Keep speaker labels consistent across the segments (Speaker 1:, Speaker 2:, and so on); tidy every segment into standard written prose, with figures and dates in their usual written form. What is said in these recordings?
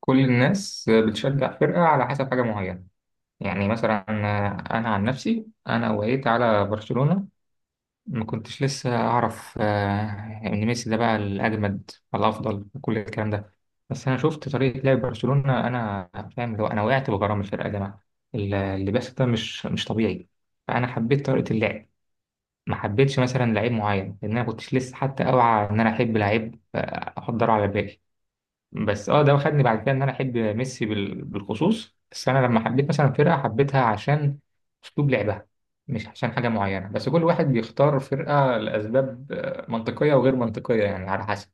Speaker 1: كل الناس بتشجع فرقة على حسب حاجة معينة. يعني مثلا، أنا عن نفسي أنا وقيت على برشلونة. ما كنتش لسه أعرف إن ميسي ده بقى الأجمد والأفضل وكل الكلام ده. بس أنا شفت طريقة لعب برشلونة، أنا فاهم اللي هو أنا وقعت بغرام الفرقة يا جماعة. اللي بس ده مش طبيعي. فأنا حبيت طريقة اللعب، ما حبيتش مثلا لعيب معين لأن أنا كنتش لسه حتى أوعى إن أنا أحب لعيب، أحضره على بالي. بس ده خدني بعد كده ان انا احب ميسي بالخصوص. بس انا لما حبيت مثلا فرقه حبيتها عشان اسلوب لعبها، مش عشان حاجه معينه. بس كل واحد بيختار فرقه لاسباب منطقيه وغير منطقيه، يعني على حسب.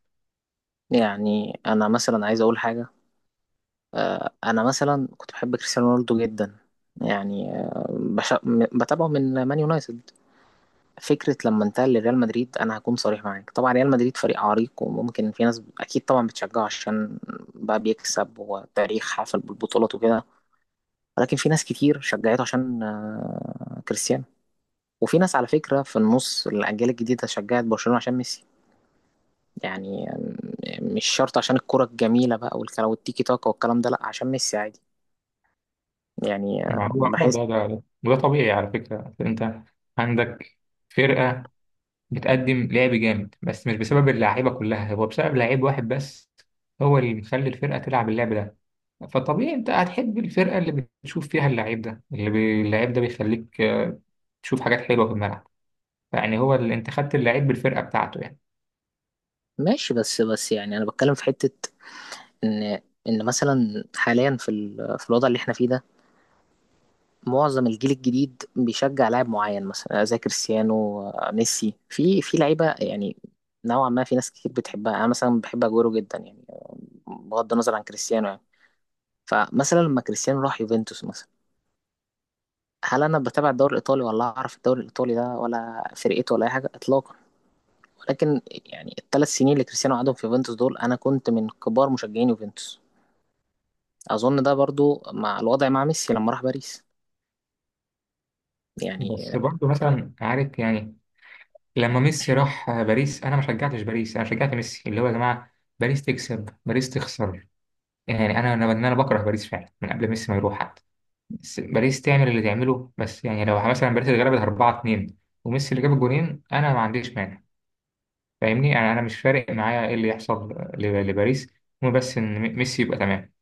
Speaker 2: يعني انا مثلا عايز اقول حاجه. انا مثلا كنت بحب كريستيانو رونالدو جدا. يعني بتابعه من مان يونايتد. فكره لما انتقل لريال مدريد، انا هكون صريح معاك، طبعا ريال مدريد فريق عريق وممكن في ناس اكيد طبعا بتشجعه عشان بقى بيكسب وتاريخ حافل بالبطولات وكده، ولكن في ناس كتير شجعته عشان كريستيانو. وفي ناس على فكره في النص الاجيال الجديده شجعت برشلونه عشان ميسي يعني، مش شرط عشان الكرة الجميلة بقى والكلام والتيكي تاكا والكلام ده، لأ عشان ميسي عادي يعني.
Speaker 1: ما هو ده
Speaker 2: بحس
Speaker 1: ده ده وده طبيعي على فكره. انت عندك فرقه بتقدم لعب جامد بس مش بسبب اللعيبه كلها، هو بسبب لعيب واحد بس، هو اللي مخلي الفرقه تلعب اللعب ده. فطبيعي انت هتحب الفرقه اللي بتشوف فيها اللعيب ده، اللعيب ده بيخليك تشوف حاجات حلوه في الملعب. يعني هو اللي انت خدت اللعيب بالفرقه بتاعته يعني.
Speaker 2: ماشي. بس يعني أنا بتكلم في حتة إن إن مثلا حاليا في الوضع اللي احنا فيه ده، معظم الجيل الجديد بيشجع لاعب معين مثلا زي كريستيانو، ميسي، في لعيبة يعني نوعا ما في ناس كتير بتحبها. أنا مثلا بحب أجويرو جدا يعني، بغض النظر عن كريستيانو يعني. فمثلا لما كريستيانو راح يوفنتوس مثلا، هل انا بتابع الدوري الايطالي ولا اعرف الدوري الايطالي ده ولا فرقته ولا اي حاجه اطلاقا؟ ولكن يعني الثلاث سنين اللي كريستيانو قعدهم في يوفنتوس دول انا كنت من كبار مشجعين يوفنتوس. اظن ده برضو مع الوضع مع ميسي لما راح باريس يعني.
Speaker 1: بس برضه مثلا عارف، يعني لما ميسي راح باريس، انا ما شجعتش باريس، انا شجعت ميسي. اللي هو يا جماعه باريس تكسب باريس تخسر، يعني انا أنا بكره باريس فعلا من قبل ميسي ما يروح حتى. بس باريس تعمل اللي تعمله. بس يعني لو مثلا باريس اللي غلبت 4-2 وميسي اللي جاب الجولين، انا ما عنديش مانع. فاهمني؟ يعني انا مش فارق معايا ايه اللي يحصل لباريس. المهم بس ان ميسي يبقى تمام.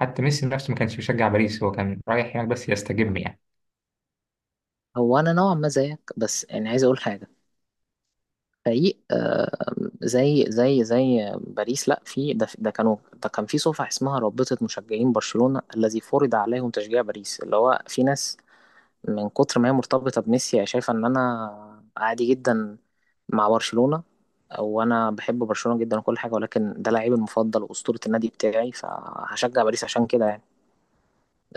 Speaker 1: حتى ميسي نفسه ما كانش بيشجع باريس، هو كان رايح هناك بس يستجم يعني.
Speaker 2: هو انا نوعا ما زيك، بس يعني عايز اقول حاجه. فريق زي باريس، لا في ده كان في صفحه اسمها رابطه مشجعين برشلونه الذي فرض عليهم تشجيع باريس، اللي هو في ناس من كتر ما هي مرتبطة بميسي هي شايفة إن أنا عادي جدا مع برشلونة، وأنا بحب برشلونة جدا وكل حاجة، ولكن ده لعيبي المفضل وأسطورة النادي بتاعي، فهشجع باريس عشان كده يعني.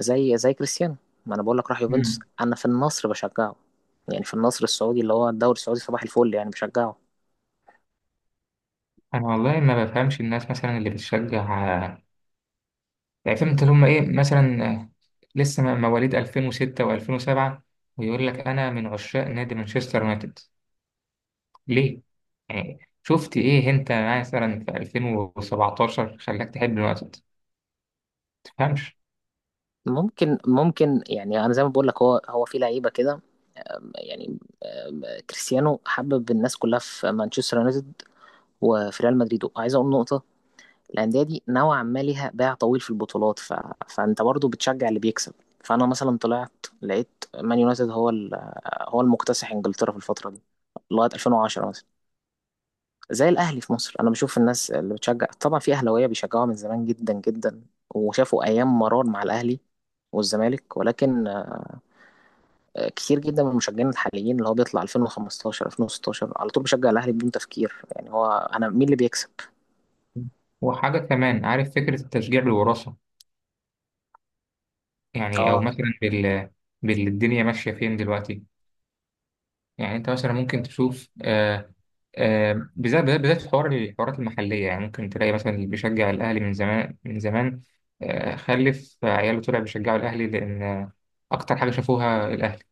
Speaker 2: زي كريستيانو، ما أنا بقول لك راح يوفنتوس،
Speaker 1: مم.
Speaker 2: أنا في النصر بشجعه يعني، في النصر السعودي اللي هو الدوري السعودي صباح الفل، يعني بشجعه.
Speaker 1: انا والله ما بفهمش الناس مثلا اللي بتشجع، يعني فهمت اللي هم ايه مثلا. لسه مواليد 2006 و2007 ويقول لك انا من عشاق نادي مانشستر يونايتد. ليه؟ يعني شفت ايه انت مثلا في 2017 خلاك تحب اليونايتد؟ ما تفهمش.
Speaker 2: ممكن يعني، انا زي ما بقول لك، هو في لعيبه كده يعني. آم، كريستيانو حبب الناس كلها في مانشستر يونايتد وفي ريال مدريد. وعايز اقول نقطه، الانديه دي نوعا ما ليها باع طويل في البطولات، فانت برضو بتشجع اللي بيكسب. فانا مثلا طلعت لقيت مان يونايتد هو المكتسح انجلترا في الفتره دي لغايه 2010 مثلا. زي الاهلي في مصر، انا بشوف الناس اللي بتشجع، طبعا في اهلاويه بيشجعوها من زمان جدا جدا وشافوا ايام مرار مع الاهلي والزمالك، ولكن كتير جدا من المشجعين الحاليين اللي هو بيطلع 2015 2016 على طول بيشجع الاهلي بدون تفكير، يعني هو انا مين اللي بيكسب.
Speaker 1: وحاجة كمان، عارف فكرة التشجيع بالوراثة؟ يعني او
Speaker 2: اه،
Speaker 1: مثلا بالدنيا ماشيه فين دلوقتي. يعني انت مثلا ممكن تشوف بالذات بالذات بالذات في حوار الحوارات المحليه. يعني ممكن تلاقي مثلا اللي بيشجع الاهلي من زمان من زمان، خلف عياله طلع بيشجعوا الاهلي لان اكتر حاجه شافوها الاهلي.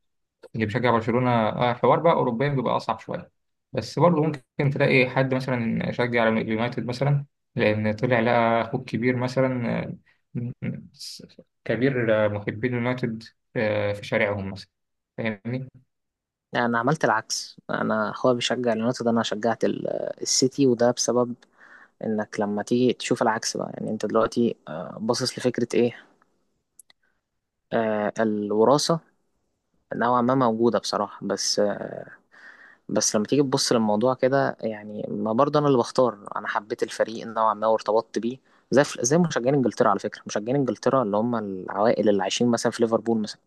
Speaker 1: اللي بيشجع برشلونة حوار بقى أوروبيا بيبقى أصعب شوية. بس برضه ممكن تلاقي حد مثلا شجع اليونايتد مثلا لأن طلع لقى أخوه الكبير مثلا، م- م- كبير، محبين اليونايتد في شارعهم مثلا. فاهمني؟
Speaker 2: يعني انا عملت العكس، انا اخويا بيشجع اليونايتد، انا شجعت السيتي، وده بسبب انك لما تيجي تشوف العكس بقى. يعني انت دلوقتي باصص لفكرة ايه، الوراثة. نوعا ما موجودة بصراحة، بس بس لما تيجي تبص للموضوع كده يعني، ما برضه انا اللي بختار، انا حبيت الفريق نوعا ما وارتبطت بيه. زي مشجعين انجلترا، على فكرة مشجعين انجلترا اللي هم العوائل اللي عايشين مثلا في ليفربول مثلا،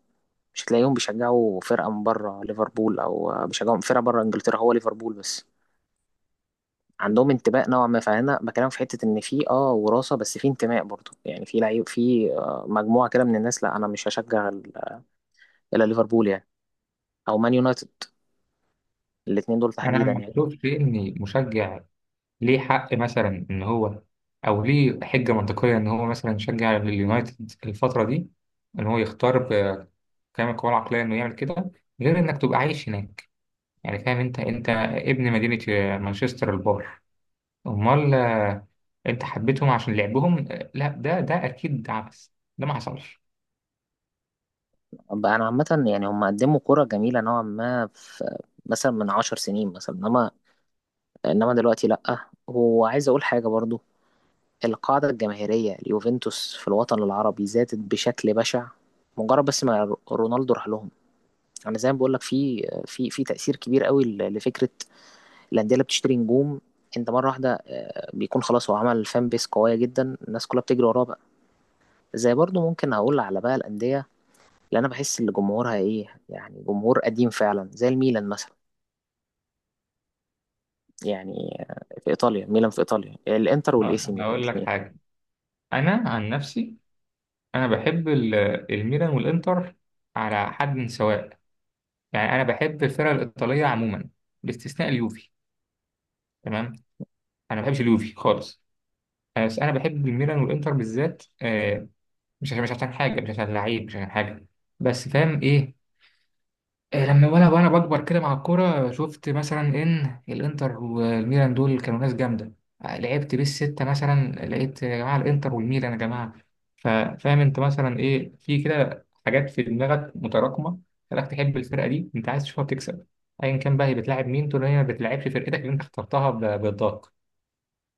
Speaker 2: مش هتلاقيهم بيشجعوا فرقة من بره ليفربول او بيشجعوا فرقة بره انجلترا، هو ليفربول بس عندهم انتماء نوعا ما. فانا بكلمك في حته ان في وراثه، بس في انتماء برضه يعني، في لعيب، في مجموعه كده من الناس، لا انا مش هشجع الا ليفربول يعني، او مان يونايتد، الاثنين دول
Speaker 1: أنا
Speaker 2: تحديدا
Speaker 1: ما
Speaker 2: يعني.
Speaker 1: بشوفش إن مشجع ليه حق مثلا إن هو، أو ليه حجة منطقية إن هو مثلا يشجع اليونايتد الفترة دي، إن هو يختار بكامل قواه العقلية إنه يعمل كده، غير إنك تبقى عايش هناك. يعني فاهم انت، انت ابن مدينة مانشستر البار. امال انت حبيتهم عشان لعبهم؟ لا ده اكيد عبث. ده ما حصلش.
Speaker 2: بقى انا عامه يعني هم قدموا كره جميله نوعا ما في مثلا من عشر سنين مثلا، انما دلوقتي لا. وعايز اقول حاجه برضه، القاعده الجماهيريه اليوفنتوس في الوطن العربي زادت بشكل بشع مجرد بس ما رونالدو راح لهم. انا زي ما بقول لك في في تأثير كبير قوي لفكرة الانديه اللي بتشتري نجوم. انت مره واحده بيكون خلاص، هو عمل فان بيس قويه جدا الناس كلها بتجري وراه بقى. زي برضو ممكن اقول على بقى الانديه اللي انا بحس ان جمهورها ايه، يعني جمهور قديم فعلا، زي الميلان مثلا. يعني في ايطاليا، ميلان، في ايطاليا الانتر والاي سي ميلان،
Speaker 1: هقول لك
Speaker 2: الاثنين.
Speaker 1: حاجة. انا عن نفسي انا بحب الميلان والانتر على حد سواء. يعني انا بحب الفرق الايطالية عموما باستثناء اليوفي، تمام؟ انا ما بحبش اليوفي خالص. بس انا بحب الميلان والانتر بالذات، مش عشان مش عشان حاجة، مش عشان لعيب، مش عشان حاجة. بس فاهم ايه، لما وانا بكبر كده مع الكوره شفت مثلا ان الانتر والميلان دول كانوا ناس جامده. لعبت بالستة مثلا لقيت يا جماعه الانتر والميلان يا جماعه. ففاهم انت مثلا ايه، في كده حاجات في دماغك متراكمه خلاك تحب الفرقه دي. انت عايز تشوفها بتكسب ايا كان بقى هي بتلاعب مين، طول ما هي ما بتلعبش فرقتك اللي انت اخترتها بالضغط.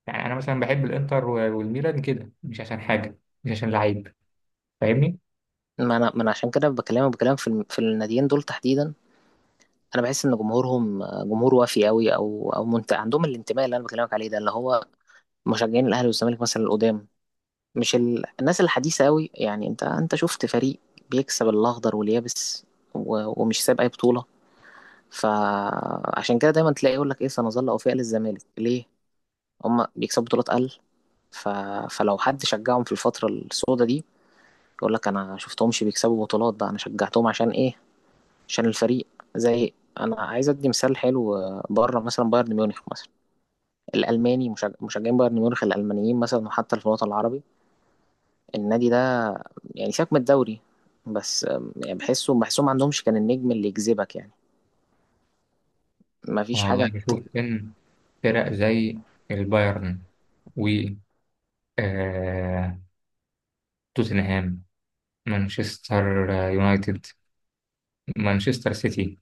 Speaker 1: يعني انا مثلا بحب الانتر والميلان كده، مش عشان حاجه، مش عشان لعيب. فاهمني؟
Speaker 2: ما انا عشان كده بكلمك بكلام في في الناديين دول تحديدا. انا بحس ان جمهورهم جمهور وافي قوي، عندهم الانتماء اللي انا بكلمك عليه ده، اللي هو مشجعين الاهلي والزمالك مثلا القدام، مش الناس الحديثة أوي، يعني أنت شفت فريق بيكسب الأخضر واليابس، ومش ساب أي بطولة. فعشان كده دايما تلاقي يقول لك إيه، سنظل أوفياء للزمالك ليه؟ هما بيكسبوا بطولات أقل، ف... فلو حد شجعهم في الفترة السوداء دي يقول لك أنا شفتهمش بيكسبوا بطولات بقى، أنا شجعتهم عشان إيه؟ عشان الفريق. زي، أنا عايز أدي مثال حلو، بره مثلا بايرن ميونخ مثلا، الألماني مشجعين بايرن ميونخ الألمانيين مثلا، وحتى في الوطن العربي النادي ده. يعني سيبك من الدوري، بس يعني بحسهم ما عندهمش كان النجم اللي يجذبك يعني، ما فيش
Speaker 1: والله
Speaker 2: حاجة.
Speaker 1: بشوف ان فرق زي البايرن، آه، توتنهام، مانشستر يونايتد، مانشستر سيتي،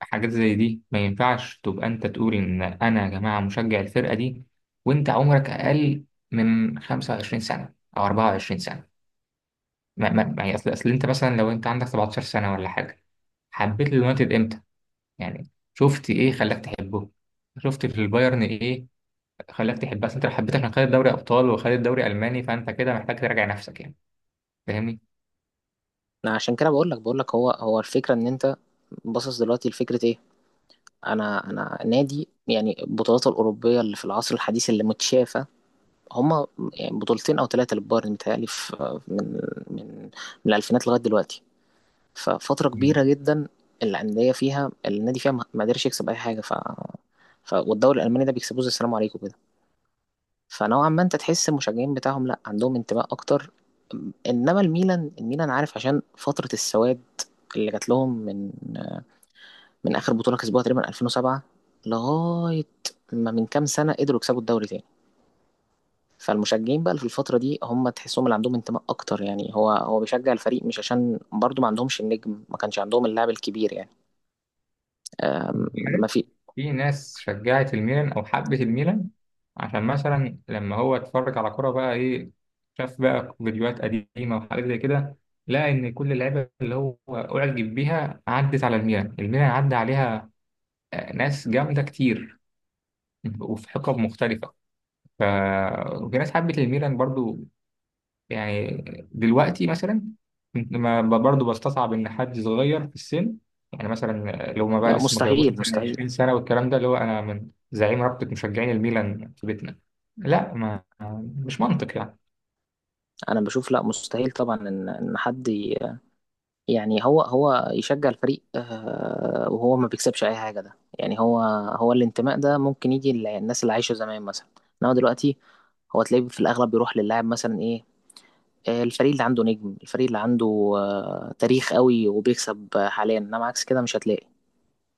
Speaker 1: حاجات زي دي ما ينفعش تبقى انت تقول ان انا يا جماعة مشجع الفرقة دي وانت عمرك اقل من 25 سنة او 24 سنة. اصل انت مثلا لو انت عندك 17 سنة ولا حاجة، حبيت اليونايتد امتى؟ يعني شفت ايه خلاك تحبه؟ شفت في البايرن ايه خلاك تحبه؟ اصل انت لو حبيت عشان خدت دوري ابطال وخدت دوري الماني فانت كده محتاج تراجع نفسك يعني. فاهمني؟
Speaker 2: أنا عشان كده بقول لك هو الفكرة ان انت باصص دلوقتي لفكرة ايه. انا نادي يعني البطولات الأوروبية اللي في العصر الحديث اللي متشافة، هما يعني بطولتين او ثلاثة للبايرن، متهيألي في من من الألفينات لغاية دلوقتي، ففترة كبيرة جدا الأندية فيها النادي فيها ما قدرش يكسب أي حاجة، ف ف والدوري الألماني ده بيكسبوه زي السلام عليكم كده. فنوعا ما انت تحس المشجعين بتاعهم لا، عندهم انتماء اكتر. انما الميلان، عارف عشان فترة السواد اللي جات لهم من اخر بطولة كسبوها تقريبا 2007 لغاية ما من كام سنة قدروا يكسبوا الدوري تاني. فالمشجعين بقى اللي في الفترة دي هم تحسهم اللي عندهم انتماء اكتر يعني، هو بيشجع الفريق مش عشان، برضو ما عندهمش النجم، ما كانش عندهم اللاعب الكبير يعني. آم،
Speaker 1: مم.
Speaker 2: ما في.
Speaker 1: في ناس شجعت الميلان او حبت الميلان عشان مثلا لما هو اتفرج على كرة بقى ايه، شاف بقى فيديوهات قديمة وحاجات زي كده، لقى ان كل اللعيبة اللي هو اعجب بيها عدت على الميلان، الميلان عدى عليها ناس جامدة كتير وفي حقب مختلفة. ف وفي ناس حبت الميلان برضو يعني. دلوقتي مثلا، ما برضه بستصعب ان حد صغير في السن، يعني مثلا لو ما بقى
Speaker 2: لا
Speaker 1: لسه ما جابوش
Speaker 2: مستحيل
Speaker 1: مثلا
Speaker 2: مستحيل،
Speaker 1: 20 سنه والكلام ده، اللي هو انا من زعيم رابطه مشجعين الميلان في بيتنا. لا، ما مش منطق يعني.
Speaker 2: انا بشوف لا مستحيل طبعا ان حد يعني هو يشجع الفريق وهو ما بيكسبش اي حاجه ده، يعني هو هو الانتماء ده ممكن يجي للناس اللي عايشه زمان مثلا. انما دلوقتي هو تلاقيه في الاغلب بيروح للاعب مثلا ايه، الفريق اللي عنده نجم، الفريق اللي عنده تاريخ قوي وبيكسب، حاليا انما عكس كده مش هتلاقي